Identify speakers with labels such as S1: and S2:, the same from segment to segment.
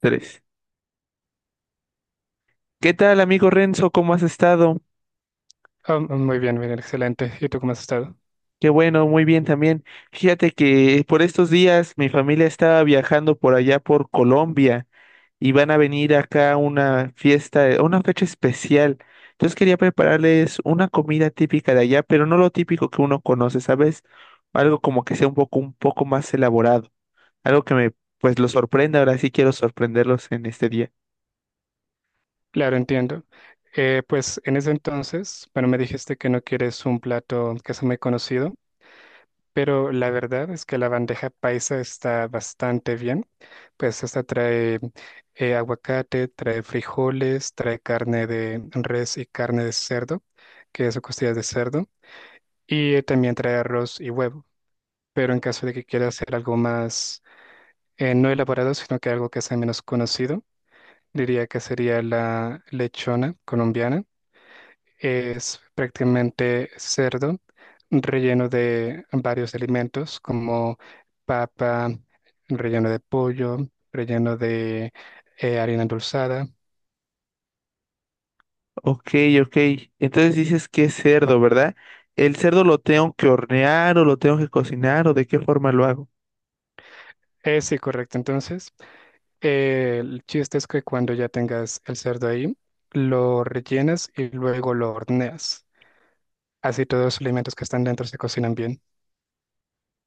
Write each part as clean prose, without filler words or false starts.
S1: Tres. ¿Qué tal, amigo Renzo? ¿Cómo has estado?
S2: Muy bien, bien, excelente. ¿Y tú cómo has estado?
S1: Qué bueno, muy bien también. Fíjate que por estos días mi familia estaba viajando por allá por Colombia y van a venir acá a una fiesta, una fecha especial. Entonces quería prepararles una comida típica de allá, pero no lo típico que uno conoce, ¿sabes? Algo como que sea un poco más elaborado, algo que me, pues, lo sorprenda. Ahora sí quiero sorprenderlos en este día.
S2: Claro, entiendo. Pues en ese entonces, bueno, me dijiste que no quieres un plato que sea muy conocido. Pero la verdad es que la bandeja paisa está bastante bien. Pues esta trae aguacate, trae frijoles, trae carne de res y carne de cerdo, que es costillas de cerdo, y también trae arroz y huevo. Pero en caso de que quiera hacer algo más, no elaborado, sino que algo que sea menos conocido, diría que sería la lechona colombiana, es prácticamente cerdo relleno de varios alimentos como papa, relleno de pollo, relleno de harina endulzada.
S1: Ok, ok. Entonces dices que es cerdo, ¿verdad? ¿El cerdo lo tengo que hornear o lo tengo que cocinar o de qué forma lo hago?
S2: Sí, correcto. Entonces, el chiste es que cuando ya tengas el cerdo ahí, lo rellenas y luego lo horneas. Así todos los alimentos que están dentro se cocinan bien.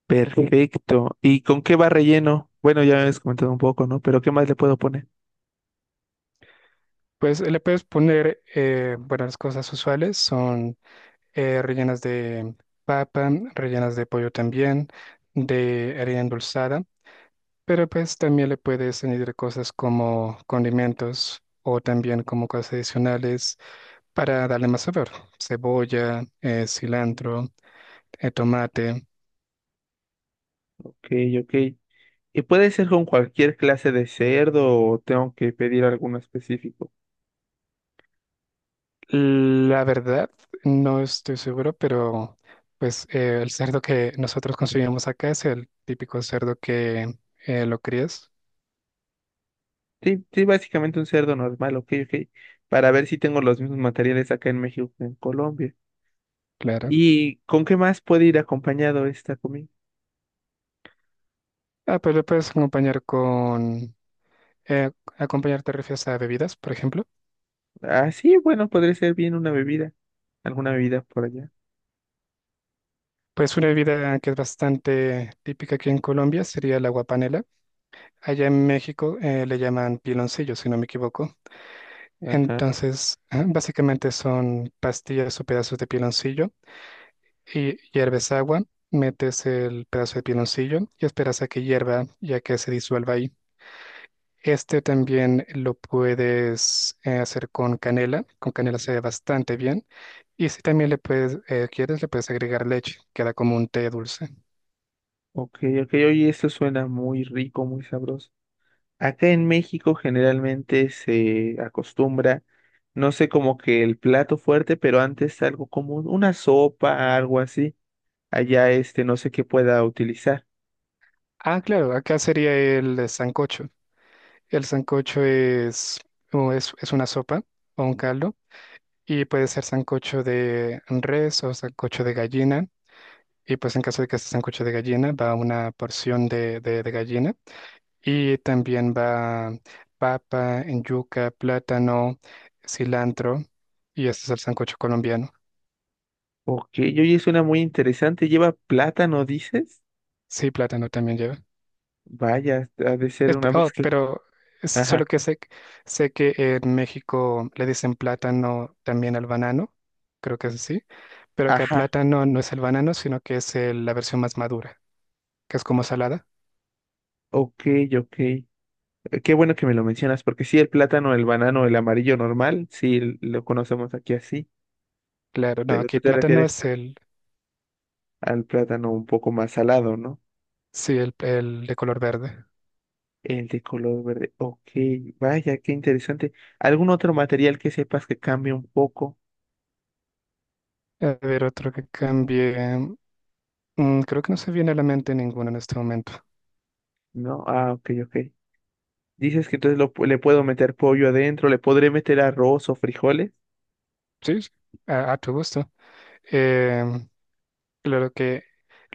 S1: Perfecto. ¿Y con qué va relleno? Bueno, ya me habías comentado un poco, ¿no? Pero ¿qué más le puedo poner?
S2: Pues le puedes poner, bueno, las cosas usuales son rellenas de papa, rellenas de pollo también, de harina endulzada, pero pues también le puedes añadir cosas como condimentos o también como cosas adicionales para darle más sabor, cebolla, cilantro, tomate.
S1: Ok, ok. ¿Y puede ser con cualquier clase de cerdo o tengo que pedir alguno específico?
S2: La verdad, no estoy seguro, pero pues el cerdo que nosotros consumimos acá es el típico cerdo que lo crías,
S1: Sí, sí, básicamente un cerdo normal, ok, ok. Para ver si tengo los mismos materiales acá en México que en Colombia.
S2: claro.
S1: ¿Y con qué más puede ir acompañado esta comida?
S2: Ah, pues lo puedes acompañar con eh, acompañar te refieres a bebidas, por ejemplo.
S1: Ah, sí, bueno, podría ser bien una bebida, alguna bebida por allá.
S2: Pues una bebida que es bastante típica aquí en Colombia sería el agua panela. Allá en México le llaman piloncillo, si no me equivoco.
S1: Ajá.
S2: Entonces, ah, básicamente son pastillas o pedazos de piloncillo y hierves agua, metes el pedazo de piloncillo y esperas a que hierva y a que se disuelva ahí. Este también lo puedes hacer con canela. Con canela se ve bastante bien. Y si también le puedes, quieres, le puedes agregar leche, queda como un té dulce.
S1: Ok, ok, oye, eso suena muy rico, muy sabroso. Acá en México generalmente se acostumbra, no sé, como que el plato fuerte, pero antes algo como una sopa, algo así. Allá este, no sé qué pueda utilizar.
S2: Ah, claro, acá sería el sancocho. El sancocho es una sopa o un caldo y puede ser sancocho de res o sancocho de gallina. Y pues en caso de que sea sancocho de gallina, va una porción de gallina y también va papa, yuca, plátano, cilantro, y este es el sancocho colombiano.
S1: Ok, oye, suena muy interesante. ¿Lleva plátano, dices?
S2: Sí, plátano también lleva.
S1: Vaya, ha de ser una
S2: Oh,
S1: mezcla.
S2: pero es
S1: Ajá,
S2: solo que sé, sé que en México le dicen plátano también al banano, creo que es así, pero acá
S1: ajá,
S2: plátano no es el banano, sino que es la versión más madura, que es como salada.
S1: ok, ok. Qué bueno que me lo mencionas, porque sí, el plátano, el banano, el amarillo normal, sí lo conocemos aquí así,
S2: Claro, no,
S1: pero tú
S2: aquí
S1: te
S2: plátano
S1: refieres
S2: es el,
S1: al plátano un poco más salado, ¿no?
S2: sí, el de color verde.
S1: El de color verde. Ok, vaya, qué interesante. ¿Algún otro material que sepas que cambie un poco?
S2: A ver, otro que cambie. Creo que no se viene a la mente ninguno en este momento.
S1: No, ah, ok, ok. Dices que entonces le puedo meter pollo adentro, le podré meter arroz o frijoles.
S2: Sí, sí, a tu gusto. Em, claro que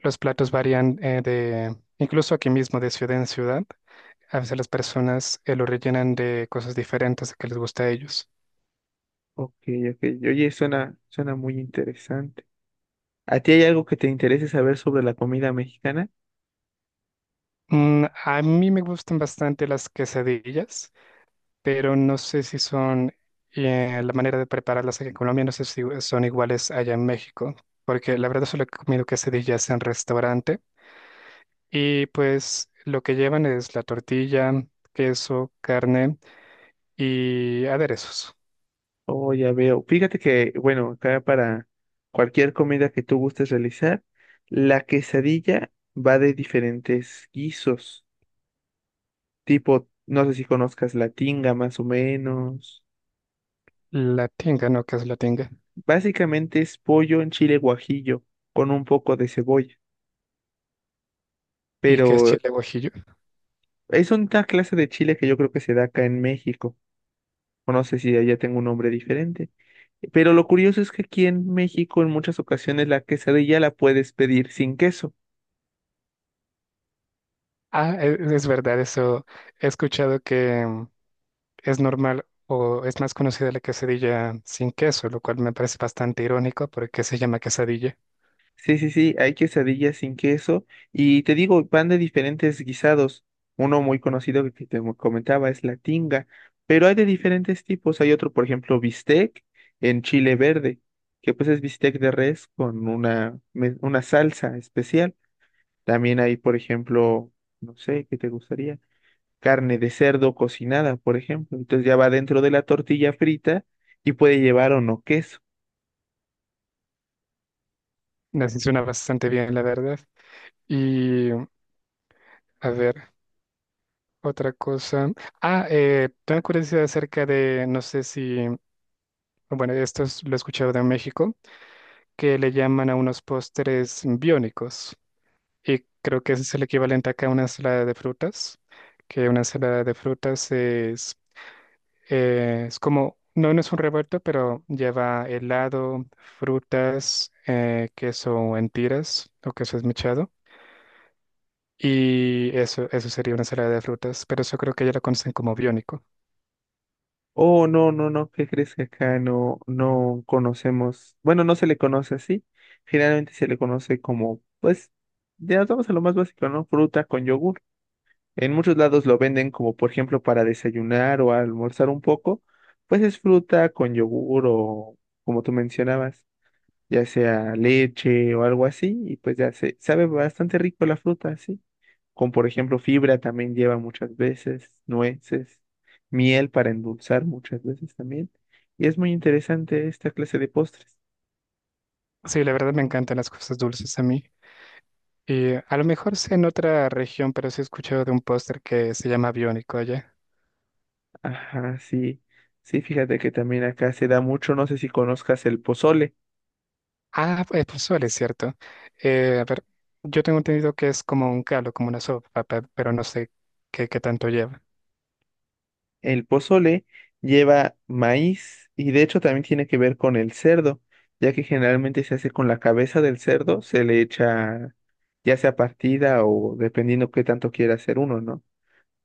S2: los platos varían de, incluso aquí mismo, de ciudad en ciudad. A veces las personas lo rellenan de cosas diferentes que les gusta a ellos.
S1: Ok, ok. Oye, suena muy interesante. ¿A ti hay algo que te interese saber sobre la comida mexicana?
S2: A mí me gustan bastante las quesadillas, pero no sé si son la manera de prepararlas aquí en Colombia, no sé si son iguales allá en México, porque la verdad solo he comido quesadillas en restaurante y pues lo que llevan es la tortilla, queso, carne y aderezos.
S1: Oh, ya veo. Fíjate que, bueno, acá para cualquier comida que tú gustes realizar, la quesadilla va de diferentes guisos, tipo, no sé si conozcas la tinga más o menos.
S2: La tinga, ¿no? ¿Qué es la tinga?
S1: Básicamente es pollo en chile guajillo con un poco de cebolla,
S2: ¿Y qué es
S1: pero
S2: chile guajillo?
S1: es una clase de chile que yo creo que se da acá en México, o no sé si allá tengo un nombre diferente. Pero lo curioso es que aquí en México en muchas ocasiones la quesadilla la puedes pedir sin queso.
S2: Es, verdad, eso he escuchado que es normal o es más conocida la quesadilla sin queso, lo cual me parece bastante irónico porque se llama quesadilla.
S1: Sí, sí, sí, hay quesadillas sin queso y te digo, van de diferentes guisados. Uno muy conocido que comentaba es la tinga, pero hay de diferentes tipos. Hay otro, por ejemplo, bistec en chile verde, que pues es bistec de res con una salsa especial. También hay, por ejemplo, no sé, ¿qué te gustaría? Carne de cerdo cocinada, por ejemplo. Entonces ya va dentro de la tortilla frita y puede llevar o no queso.
S2: Así suena bastante bien, la verdad. Y a ver, otra cosa. Tengo curiosidad acerca de, no sé si bueno, lo he escuchado de México, que le llaman a unos postres biónicos. Y creo que ese es el equivalente acá a una ensalada de frutas, que una ensalada de frutas es como, no, no es un revuelto, pero lleva helado, frutas, queso en tiras o queso esmechado. Y eso sería una ensalada de frutas, pero eso creo que ya lo conocen como biónico.
S1: Oh, no, no, no, ¿qué crees que acá no, no conocemos? Bueno, no se le conoce así. Generalmente se le conoce como, pues, ya nos vamos a lo más básico, ¿no? Fruta con yogur. En muchos lados lo venden como, por ejemplo, para desayunar o almorzar un poco. Pues es fruta con yogur o, como tú mencionabas, ya sea leche o algo así. Y pues ya se sabe bastante rico la fruta, sí con por ejemplo fibra también lleva muchas veces, nueces, miel para endulzar muchas veces también. Y es muy interesante esta clase de postres.
S2: Sí, la verdad me encantan las cosas dulces a mí. Y a lo mejor sea en otra región, pero sí he escuchado de un póster que se llama Biónico allá.
S1: Ajá, sí, sí, fíjate que también acá se da mucho, no sé si conozcas el pozole.
S2: Pues pozole, ¿cierto? A ver, yo tengo entendido que es como un caldo, como una sopa, pero no sé qué, qué tanto lleva.
S1: El pozole lleva maíz y de hecho también tiene que ver con el cerdo, ya que generalmente se hace con la cabeza del cerdo, se le echa ya sea partida o dependiendo qué tanto quiera hacer uno, ¿no?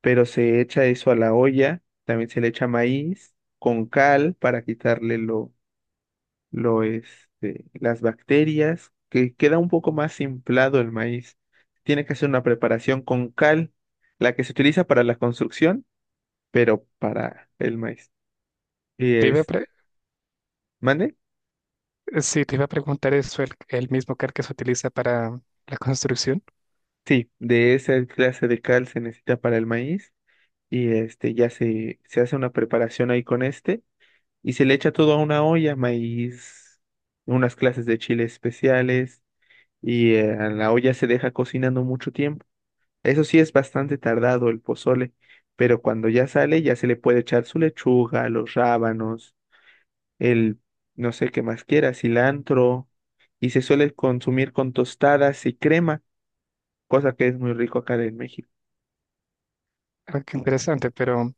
S1: Pero se echa eso a la olla, también se le echa maíz con cal para quitarle este, las bacterias, que queda un poco más inflado el maíz. Tiene que hacer una preparación con cal, la que se utiliza para la construcción, pero para el maíz. Y
S2: Te iba a
S1: este,
S2: pre-
S1: ¿mande?
S2: Sí, te iba a preguntar eso, el mismo cal que se utiliza para la construcción.
S1: Sí, de esa clase de cal se necesita para el maíz. Y este ya se hace una preparación ahí con este, y se le echa todo a una olla, maíz, unas clases de chiles especiales y a la olla se deja cocinando mucho tiempo. Eso sí es bastante tardado el pozole, pero cuando ya sale ya se le puede echar su lechuga, los rábanos, el no sé qué más quiera, cilantro y se suele consumir con tostadas y crema, cosa que es muy rico acá en México.
S2: Ah, qué interesante, pero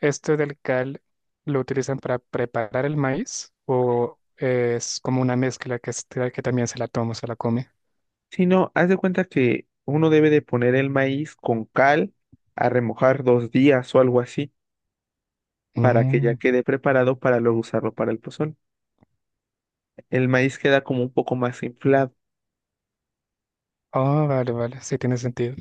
S2: ¿esto del cal lo utilizan para preparar el maíz o es como una mezcla que, que también se la toma, se la come?
S1: Si no, haz de cuenta que uno debe de poner el maíz con cal a remojar 2 días o algo así para que ya
S2: Mm.
S1: quede preparado para luego usarlo para el pozol. El maíz queda como un poco más inflado.
S2: Oh, vale, vale, sí tiene sentido.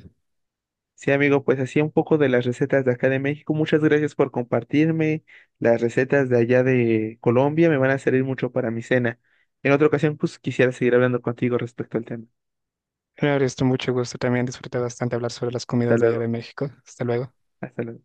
S1: Sí, amigo, pues así un poco de las recetas de acá de México. Muchas gracias por compartirme las recetas de allá de Colombia. Me van a servir mucho para mi cena. En otra ocasión, pues quisiera seguir hablando contigo respecto al tema.
S2: Claro, esto mucho gusto. También disfruté bastante hablar sobre las
S1: Hasta
S2: comidas de allá
S1: luego.
S2: de México. Hasta luego.
S1: Hasta luego.